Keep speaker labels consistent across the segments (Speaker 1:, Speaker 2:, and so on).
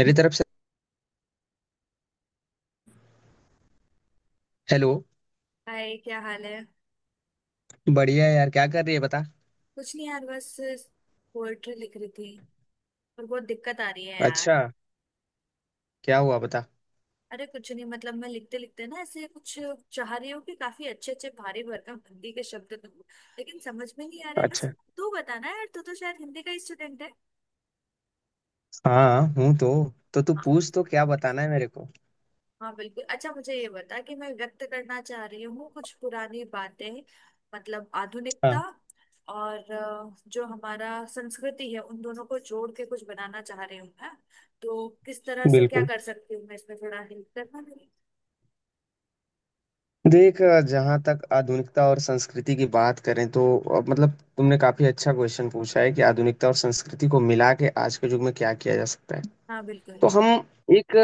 Speaker 1: मेरी तरफ से हेलो।
Speaker 2: हाय, क्या हाल है?
Speaker 1: बढ़िया है यार, क्या कर रही है बता।
Speaker 2: कुछ नहीं यार, बस पोएट्री लिख रही थी। और बहुत दिक्कत आ रही है
Speaker 1: अच्छा,
Speaker 2: यार।
Speaker 1: क्या हुआ बता।
Speaker 2: अरे कुछ नहीं, मतलब मैं लिखते लिखते ना ऐसे कुछ चाह रही हूँ कि काफी अच्छे अच्छे भारी भरकम हिंदी के शब्द दूँ, लेकिन समझ में नहीं आ रहा है बस।
Speaker 1: अच्छा।
Speaker 2: तू बताना यार, तू तो शायद हिंदी का स्टूडेंट है।
Speaker 1: हाँ हूँ तो। तो तू पूछ तो, क्या बताना है मेरे को।
Speaker 2: हाँ बिल्कुल। अच्छा, मुझे ये बता कि मैं व्यक्त करना चाह रही हूँ कुछ पुरानी बातें, मतलब आधुनिकता।
Speaker 1: हाँ
Speaker 2: और जो हमारा संस्कृति है उन दोनों को जोड़ के कुछ बनाना चाह रही हूँ मैं। तो किस तरह से क्या
Speaker 1: बिल्कुल।
Speaker 2: कर सकती हूँ मैं? इसमें थोड़ा हेल्प करना मेरी।
Speaker 1: देख, जहाँ तक आधुनिकता और संस्कृति की बात करें तो मतलब तुमने काफी अच्छा क्वेश्चन पूछा है कि आधुनिकता और संस्कृति को मिला के आज के युग में क्या किया जा सकता है।
Speaker 2: हाँ
Speaker 1: तो
Speaker 2: बिल्कुल।
Speaker 1: हम एक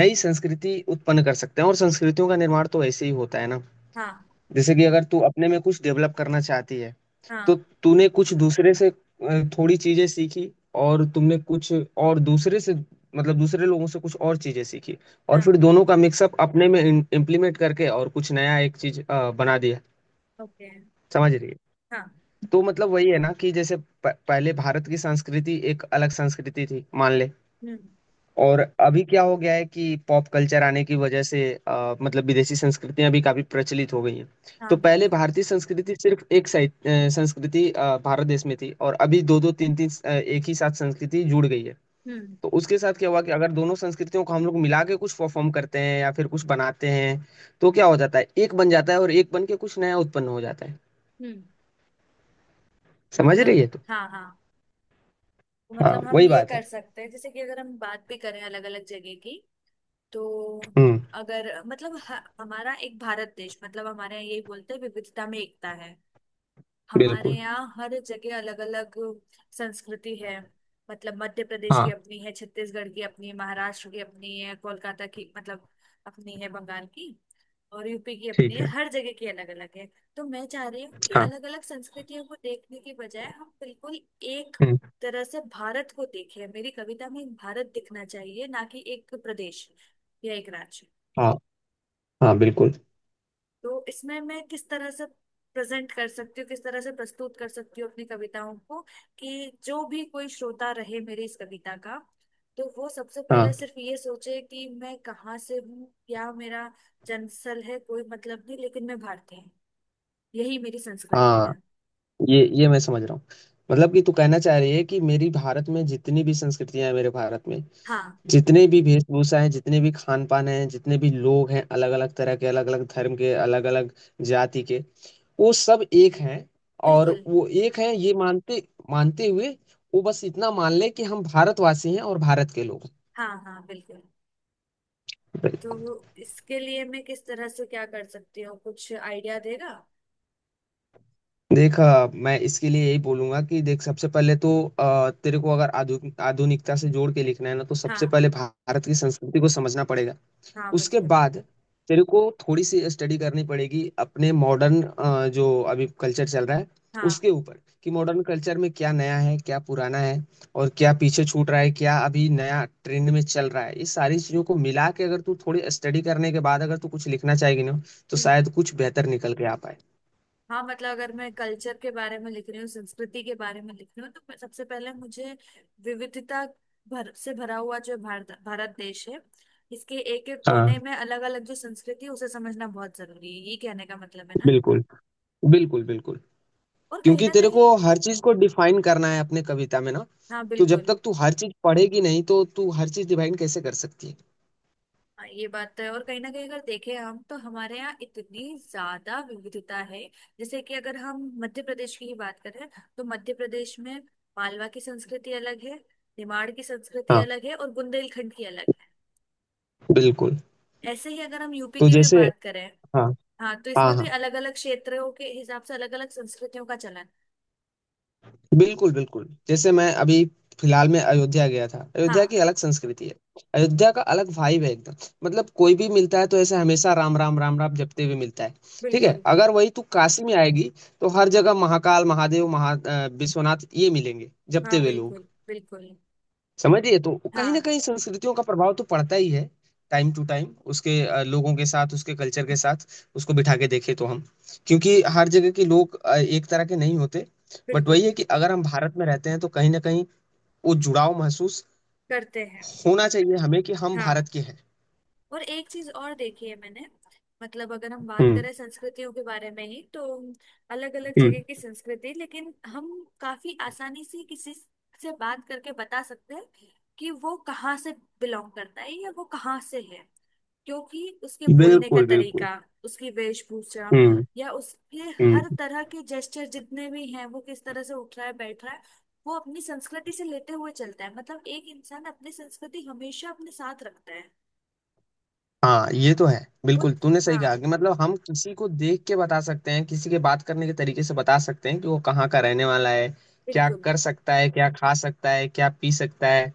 Speaker 1: नई संस्कृति उत्पन्न कर सकते हैं, और संस्कृतियों का निर्माण तो ऐसे ही होता है ना।
Speaker 2: हाँ।
Speaker 1: जैसे कि अगर तू अपने में कुछ डेवलप करना चाहती है, तो
Speaker 2: हाँ।
Speaker 1: तूने कुछ दूसरे से थोड़ी चीजें सीखी, और तुमने कुछ और दूसरे से, मतलब दूसरे लोगों से कुछ और चीजें सीखी, और
Speaker 2: हाँ।
Speaker 1: फिर दोनों का मिक्सअप अपने में इम्प्लीमेंट करके और कुछ नया एक चीज बना दिया।
Speaker 2: ओके।
Speaker 1: समझ रही है।
Speaker 2: हाँ।
Speaker 1: तो मतलब वही है ना कि जैसे पहले भारत की संस्कृति एक अलग संस्कृति थी मान ले।
Speaker 2: हम्म।
Speaker 1: और अभी क्या हो गया है कि पॉप कल्चर आने की वजह से मतलब विदेशी संस्कृतियां भी काफी प्रचलित हो गई हैं।
Speaker 2: हाँ
Speaker 1: तो पहले
Speaker 2: बिल्कुल।
Speaker 1: भारतीय संस्कृति सिर्फ एक साइड संस्कृति भारत देश में थी, और अभी दो दो तीन तीन एक ही साथ संस्कृति जुड़ गई है।
Speaker 2: हम्म।
Speaker 1: तो उसके साथ क्या हुआ कि अगर दोनों संस्कृतियों को हम लोग मिला के कुछ परफॉर्म करते हैं या फिर कुछ बनाते हैं, तो क्या हो जाता है, एक बन जाता है, और एक बन के कुछ नया उत्पन्न हो जाता है।
Speaker 2: हम्म।
Speaker 1: समझ रही
Speaker 2: मतलब
Speaker 1: है तो।
Speaker 2: हाँ हाँ।
Speaker 1: हाँ
Speaker 2: मतलब हम
Speaker 1: वही
Speaker 2: ये
Speaker 1: बात
Speaker 2: कर
Speaker 1: है।
Speaker 2: सकते हैं, जैसे कि अगर हम बात भी करें अलग अलग जगह की तो,
Speaker 1: हम्म।
Speaker 2: अगर मतलब हमारा एक भारत देश, मतलब हमारे यहाँ यही बोलते हैं, विविधता में एकता है। हमारे
Speaker 1: बिल्कुल।
Speaker 2: यहाँ हर जगह अलग अलग संस्कृति है। मतलब मध्य प्रदेश की
Speaker 1: हाँ।
Speaker 2: अपनी है, छत्तीसगढ़ की अपनी है, महाराष्ट्र की अपनी है, कोलकाता की, मतलब अपनी है बंगाल की, और यूपी की अपनी
Speaker 1: ठीक
Speaker 2: है।
Speaker 1: है।
Speaker 2: हर जगह की अलग अलग है। तो मैं चाह रही हूँ कि
Speaker 1: हाँ।
Speaker 2: अलग अलग संस्कृतियों को देखने की बजाय हम बिल्कुल एक
Speaker 1: हम्म।
Speaker 2: तरह से भारत को देखें। मेरी कविता में भारत दिखना चाहिए, ना कि एक प्रदेश या एक राज्य।
Speaker 1: हाँ हाँ बिल्कुल।
Speaker 2: तो इसमें मैं किस तरह से प्रेजेंट कर सकती हूँ, किस तरह से प्रस्तुत कर सकती हूँ अपनी कविताओं को कि जो भी कोई श्रोता रहे मेरी इस कविता का, तो वो सबसे पहले
Speaker 1: हाँ।
Speaker 2: सिर्फ ये सोचे कि मैं कहाँ से हूँ, क्या मेरा जन्मस्थल है, कोई मतलब नहीं, लेकिन मैं भारतीय हूँ। यही मेरी संस्कृति
Speaker 1: हाँ,
Speaker 2: है।
Speaker 1: ये मैं समझ रहा हूँ। मतलब कि तू कहना चाह रही है कि मेरी भारत में जितनी भी संस्कृतियां हैं, मेरे भारत में
Speaker 2: हाँ
Speaker 1: जितने भी वेशभूषा हैं, जितने भी खान पान हैं, जितने भी लोग हैं, अलग अलग तरह के, अलग अलग धर्म के, अलग अलग जाति के, वो सब एक हैं। और
Speaker 2: बिल्कुल।
Speaker 1: वो एक हैं ये मानते मानते हुए वो बस इतना मान ले कि हम भारतवासी हैं और भारत के लोग हैं।
Speaker 2: हाँ। हाँ बिल्कुल।
Speaker 1: बिल्कुल।
Speaker 2: तो इसके लिए मैं किस तरह से क्या कर सकती हूँ? कुछ आइडिया देगा?
Speaker 1: देख मैं इसके लिए यही बोलूंगा कि देख सबसे पहले तो तेरे को अगर आधुनिकता से जोड़ के लिखना है ना, तो सबसे
Speaker 2: हाँ।
Speaker 1: पहले भारत की संस्कृति को समझना पड़ेगा।
Speaker 2: हाँ
Speaker 1: उसके
Speaker 2: बिल्कुल।
Speaker 1: बाद तेरे को थोड़ी सी स्टडी करनी पड़ेगी अपने मॉडर्न, जो अभी कल्चर चल रहा है
Speaker 2: हाँ।
Speaker 1: उसके ऊपर, कि मॉडर्न कल्चर में क्या नया है, क्या पुराना है, और क्या पीछे छूट रहा है, क्या अभी नया ट्रेंड में चल रहा है। ये सारी चीजों को मिला के अगर तू थोड़ी स्टडी करने के बाद अगर तू कुछ लिखना चाहेगी ना, तो शायद कुछ बेहतर निकल के आ पाए।
Speaker 2: हाँ। मतलब अगर मैं कल्चर के बारे में लिख रही हूँ, संस्कृति के बारे में लिख रही हूँ, तो सबसे पहले मुझे विविधता भर से भरा हुआ जो भारत भारत देश है, इसके एक एक
Speaker 1: हाँ।
Speaker 2: कोने में अलग अलग जो संस्कृति है उसे समझना बहुत जरूरी है, ये कहने का मतलब है ना।
Speaker 1: बिल्कुल। बिल्कुल।
Speaker 2: और कहीं
Speaker 1: क्योंकि
Speaker 2: ना
Speaker 1: तेरे को
Speaker 2: कहीं।
Speaker 1: हर चीज को डिफाइन करना है अपने कविता में ना।
Speaker 2: हाँ
Speaker 1: तो जब
Speaker 2: बिल्कुल।
Speaker 1: तक तू हर चीज पढ़ेगी नहीं, तो तू हर चीज डिफाइन कैसे कर सकती है।
Speaker 2: हाँ, ये बात तो है और कहीं ना कहीं अगर देखें हम, तो हमारे यहाँ इतनी ज्यादा विविधता है। जैसे कि अगर हम मध्य प्रदेश की ही बात करें, तो मध्य प्रदेश में मालवा की संस्कृति अलग है, निमाड़ की संस्कृति
Speaker 1: हाँ।
Speaker 2: अलग है और बुंदेलखंड की अलग
Speaker 1: बिल्कुल।
Speaker 2: है। ऐसे ही अगर हम यूपी
Speaker 1: तो
Speaker 2: की भी
Speaker 1: जैसे।
Speaker 2: बात करें।
Speaker 1: हाँ।
Speaker 2: हाँ। तो
Speaker 1: हाँ।
Speaker 2: इसमें भी
Speaker 1: हाँ
Speaker 2: अलग अलग क्षेत्रों के हिसाब से अलग अलग संस्कृतियों का चलन।
Speaker 1: बिल्कुल बिल्कुल जैसे मैं अभी फिलहाल में अयोध्या गया था। अयोध्या की
Speaker 2: हाँ
Speaker 1: अलग संस्कृति है, अयोध्या का अलग वाइब है एकदम। मतलब कोई भी मिलता है तो ऐसे हमेशा राम राम राम राम जपते हुए मिलता है। ठीक है,
Speaker 2: बिल्कुल।
Speaker 1: अगर वही तू काशी में आएगी तो हर जगह महाकाल महादेव महा विश्वनाथ ये मिलेंगे
Speaker 2: हाँ
Speaker 1: जपते हुए लोग।
Speaker 2: बिल्कुल बिल्कुल।
Speaker 1: समझिए, तो कहीं ना
Speaker 2: हाँ
Speaker 1: कहीं संस्कृतियों का प्रभाव तो पड़ता ही है। टाइम टू टाइम उसके लोगों के साथ उसके कल्चर के साथ उसको बिठा के देखें तो हम, क्योंकि हर जगह के लोग एक तरह के नहीं होते। बट वही
Speaker 2: बिल्कुल।
Speaker 1: है कि अगर हम भारत में रहते हैं तो कहीं ना कहीं वो जुड़ाव महसूस
Speaker 2: करते हैं।
Speaker 1: होना चाहिए हमें कि हम
Speaker 2: हाँ,
Speaker 1: भारत के हैं।
Speaker 2: और एक चीज और देखी है मैंने, मतलब अगर हम बात
Speaker 1: हम्म।
Speaker 2: करें संस्कृतियों के बारे में ही तो, अलग अलग
Speaker 1: हम्म।
Speaker 2: जगह की संस्कृति, लेकिन हम काफी आसानी से किसी से बात करके बता सकते हैं कि वो कहाँ से बिलोंग करता है या वो कहाँ से है। क्योंकि उसके बोलने का
Speaker 1: बिल्कुल बिल्कुल
Speaker 2: तरीका, उसकी वेशभूषा,
Speaker 1: हम्म।
Speaker 2: या उसके हर
Speaker 1: हम्म।
Speaker 2: तरह के जेस्चर जितने भी हैं, वो किस तरह से उठ रहा है, बैठ रहा है, वो अपनी संस्कृति से लेते हुए चलता है। मतलब एक इंसान अपनी संस्कृति हमेशा अपने साथ रखता है
Speaker 1: हाँ ये तो है।
Speaker 2: वो।
Speaker 1: बिल्कुल तूने सही
Speaker 2: हाँ
Speaker 1: कहा कि मतलब हम किसी को देख के बता सकते हैं, किसी के बात करने के तरीके से बता सकते हैं कि वो कहाँ का रहने वाला है, क्या
Speaker 2: बिल्कुल।
Speaker 1: कर सकता है, क्या खा सकता है, क्या पी सकता है,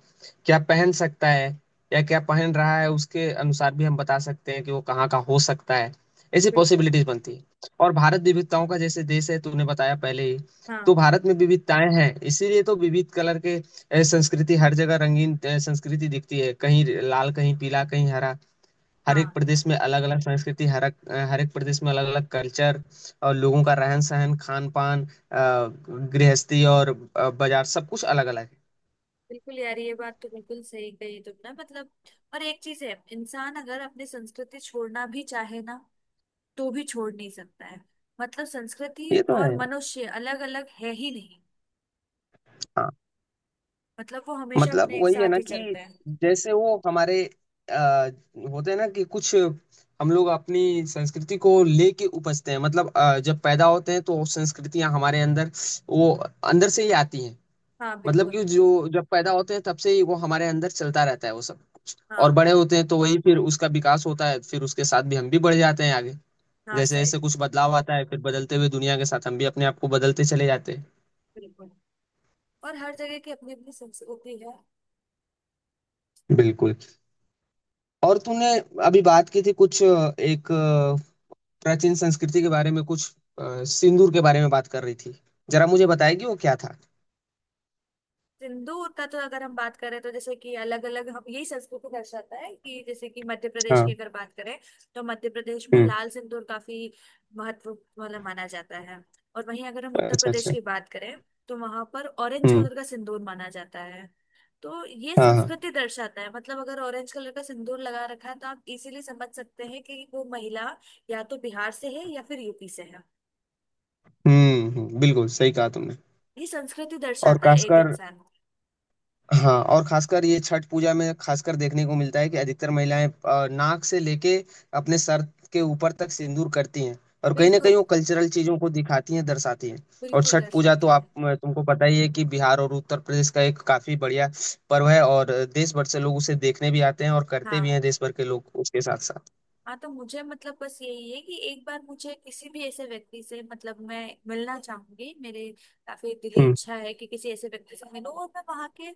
Speaker 1: क्या पहन सकता है, या क्या पहन रहा है उसके अनुसार भी हम बता सकते हैं कि वो कहाँ का हो सकता है। ऐसी
Speaker 2: बिल्कुल।
Speaker 1: पॉसिबिलिटीज बनती है। और भारत विविधताओं का जैसे देश है, तूने बताया पहले ही। तो
Speaker 2: हाँ।
Speaker 1: भारत में विविधताएं हैं, इसीलिए तो विविध कलर के संस्कृति हर जगह रंगीन संस्कृति दिखती है, कहीं लाल कहीं पीला कहीं हरा। हर एक
Speaker 2: हाँ
Speaker 1: प्रदेश में अलग अलग संस्कृति, हर एक प्रदेश में अलग अलग कल्चर और लोगों का रहन सहन, खान पान, गृहस्थी, और बाजार सब कुछ अलग अलग
Speaker 2: बिल्कुल यार, ये बात तो बिल्कुल सही कही तुमने, मतलब। और एक चीज है, इंसान अगर अपनी संस्कृति छोड़ना भी चाहे ना, तो भी छोड़ नहीं सकता है। मतलब संस्कृति
Speaker 1: है। ये तो है
Speaker 2: और
Speaker 1: यार।
Speaker 2: मनुष्य अलग अलग है ही नहीं।
Speaker 1: हाँ
Speaker 2: मतलब वो हमेशा
Speaker 1: मतलब
Speaker 2: अपने एक
Speaker 1: वही है
Speaker 2: साथ
Speaker 1: ना
Speaker 2: ही
Speaker 1: कि
Speaker 2: चलते हैं।
Speaker 1: जैसे वो हमारे आ, होते हैं ना, कि कुछ हम लोग अपनी संस्कृति को लेके उपजते हैं। मतलब जब पैदा होते हैं तो संस्कृतियां हमारे अंदर, वो अंदर से ही आती हैं।
Speaker 2: हाँ
Speaker 1: मतलब
Speaker 2: बिल्कुल।
Speaker 1: कि जो जब पैदा होते हैं, तब से ही वो हमारे अंदर चलता रहता है वो सब। और
Speaker 2: हाँ।
Speaker 1: बड़े होते हैं तो वही फिर उसका विकास होता है, फिर उसके साथ भी हम भी बढ़ जाते हैं आगे।
Speaker 2: हाँ
Speaker 1: जैसे जैसे
Speaker 2: सही।
Speaker 1: कुछ बदलाव आता है, फिर बदलते हुए दुनिया के साथ हम भी अपने आप को बदलते चले जाते
Speaker 2: बिल्कुल, और हर जगह की अपनी अपनी संस्कृति है।
Speaker 1: हैं। बिल्कुल। और तूने अभी बात की थी कुछ एक प्राचीन संस्कृति के बारे में, कुछ सिंदूर के बारे में बात कर रही थी। जरा मुझे बताएगी वो क्या था।
Speaker 2: सिंदूर का तो अगर हम बात करें, तो जैसे कि अलग अलग, हम यही संस्कृति दर्शाता है कि जैसे कि मध्य प्रदेश की
Speaker 1: हाँ।
Speaker 2: अगर बात करें, तो मध्य प्रदेश में
Speaker 1: हम्म।
Speaker 2: लाल सिंदूर काफी महत्व, मतलब माना जाता है। और वहीं अगर हम उत्तर
Speaker 1: अच्छा
Speaker 2: प्रदेश
Speaker 1: अच्छा।
Speaker 2: की बात करें, तो वहां पर ऑरेंज
Speaker 1: हम्म।
Speaker 2: कलर का सिंदूर माना जाता है। तो ये
Speaker 1: हाँ हाँ।
Speaker 2: संस्कृति दर्शाता है, मतलब अगर ऑरेंज कलर का सिंदूर लगा रखा है, तो आप इजीली समझ सकते हैं कि वो महिला या तो बिहार से है या फिर यूपी से है।
Speaker 1: हम्म। बिल्कुल सही कहा तुमने।
Speaker 2: ये संस्कृति
Speaker 1: और
Speaker 2: दर्शाता है एक
Speaker 1: खासकर।
Speaker 2: इंसान।
Speaker 1: हाँ, और खासकर ये छठ पूजा में खासकर देखने को मिलता है कि अधिकतर महिलाएं नाक से लेके अपने सर के ऊपर तक सिंदूर करती हैं, और कहीं ना कहीं
Speaker 2: बिल्कुल।
Speaker 1: वो कल्चरल चीजों को दिखाती हैं दर्शाती हैं। और
Speaker 2: बिल्कुल
Speaker 1: छठ पूजा
Speaker 2: दर्शाती
Speaker 1: तो
Speaker 2: है।
Speaker 1: आप तुमको पता ही है कि बिहार और उत्तर प्रदेश का एक काफी बढ़िया पर्व है, और देश भर से लोग उसे देखने भी आते हैं, और करते भी
Speaker 2: हाँ।
Speaker 1: हैं देश भर के लोग उसके साथ साथ।
Speaker 2: हाँ तो मुझे, मतलब बस यही है कि एक बार मुझे किसी भी ऐसे व्यक्ति से, मतलब मैं मिलना चाहूंगी मेरे, काफी दिली
Speaker 1: हम्म।
Speaker 2: इच्छा है कि किसी ऐसे व्यक्ति से मिलूं और मैं वहाँ के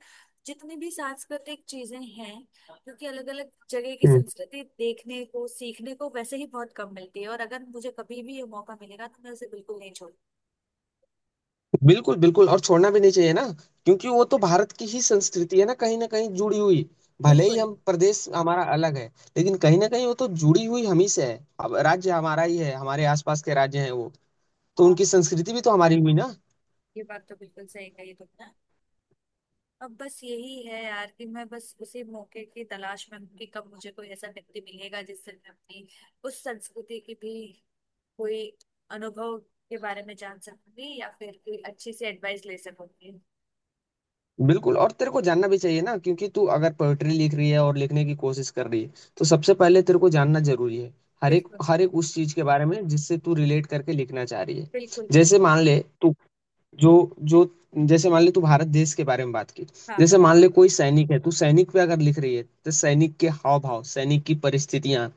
Speaker 2: जितनी भी सांस्कृतिक चीजें हैं, क्योंकि अलग अलग जगह की
Speaker 1: हम्म।
Speaker 2: संस्कृति देखने को सीखने को वैसे ही बहुत कम मिलती है, और अगर मुझे कभी भी ये मौका मिलेगा तो मैं उसे बिल्कुल नहीं छोड़।
Speaker 1: बिल्कुल बिल्कुल और छोड़ना भी नहीं चाहिए ना, क्योंकि वो तो भारत की ही संस्कृति है ना, कहीं ना कहीं जुड़ी हुई। भले ही
Speaker 2: बिल्कुल।
Speaker 1: हम प्रदेश हमारा अलग है, लेकिन कहीं ना कहीं वो तो जुड़ी हुई हम ही से है। अब राज्य हमारा ही है, हमारे आसपास के राज्य हैं वो, तो
Speaker 2: हाँ,
Speaker 1: उनकी संस्कृति भी तो हमारी हुई ना।
Speaker 2: ये बात तो बिल्कुल सही कही तुमने। अब बस यही है यार कि मैं बस उसी मौके की तलाश में हूँ कि कब मुझे कोई ऐसा व्यक्ति मिलेगा जिससे मैं अपनी उस संस्कृति की भी कोई अनुभव के बारे में जान सकूंगी या फिर कोई अच्छी सी एडवाइस ले सकूंगी।
Speaker 1: बिल्कुल, और तेरे को जानना भी चाहिए ना, क्योंकि तू अगर पोएट्री लिख रही है और लिखने की कोशिश कर रही है, तो सबसे पहले तेरे को जानना जरूरी है
Speaker 2: बिल्कुल।
Speaker 1: हर एक उस चीज के बारे में जिससे तू रिलेट करके लिखना चाह रही है।
Speaker 2: बिल्कुल
Speaker 1: जैसे
Speaker 2: बिल्कुल।
Speaker 1: मान ले तू, जो जो, जैसे मान ले तू भारत देश के बारे में बात की,
Speaker 2: हाँ।
Speaker 1: जैसे मान ले कोई सैनिक है, तू सैनिक पे अगर लिख रही है तो सैनिक के हाव भाव, सैनिक की परिस्थितियां,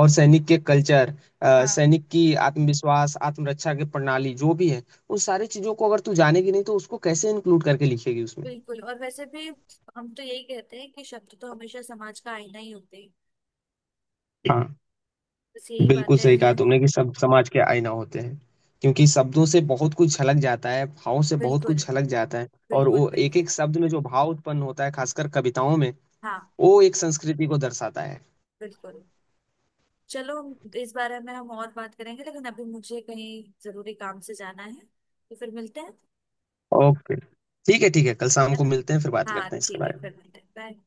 Speaker 1: और सैनिक के कल्चर,
Speaker 2: हाँ
Speaker 1: सैनिक की आत्मविश्वास आत्मरक्षा की प्रणाली जो भी है, उन सारी चीजों को अगर तू जानेगी नहीं तो उसको कैसे इंक्लूड करके लिखेगी उसमें।
Speaker 2: बिल्कुल। और वैसे भी हम तो यही कहते हैं कि शब्द तो हमेशा समाज का आईना ही होते हैं।
Speaker 1: हाँ,
Speaker 2: बस यही
Speaker 1: बिल्कुल
Speaker 2: बातें
Speaker 1: सही
Speaker 2: हैं।
Speaker 1: कहा तुमने कि सब समाज के आईना होते हैं, क्योंकि शब्दों से बहुत कुछ झलक जाता है, भावों से बहुत
Speaker 2: बिल्कुल।
Speaker 1: कुछ झलक जाता है। और
Speaker 2: बिल्कुल
Speaker 1: वो एक
Speaker 2: बिल्कुल।
Speaker 1: एक शब्द में जो भाव उत्पन्न होता है, खासकर कविताओं में,
Speaker 2: हाँ
Speaker 1: वो एक संस्कृति को दर्शाता है।
Speaker 2: बिल्कुल। चलो, इस बारे में हम और बात करेंगे, लेकिन अभी मुझे कहीं जरूरी काम से जाना है। तो फिर मिलते हैं,
Speaker 1: ओके, ठीक है ठीक है, कल शाम
Speaker 2: है
Speaker 1: को
Speaker 2: ना?
Speaker 1: मिलते हैं, फिर बात करते
Speaker 2: हाँ
Speaker 1: हैं इसके
Speaker 2: ठीक है,
Speaker 1: बारे
Speaker 2: फिर
Speaker 1: में।
Speaker 2: मिलते हैं। बाय।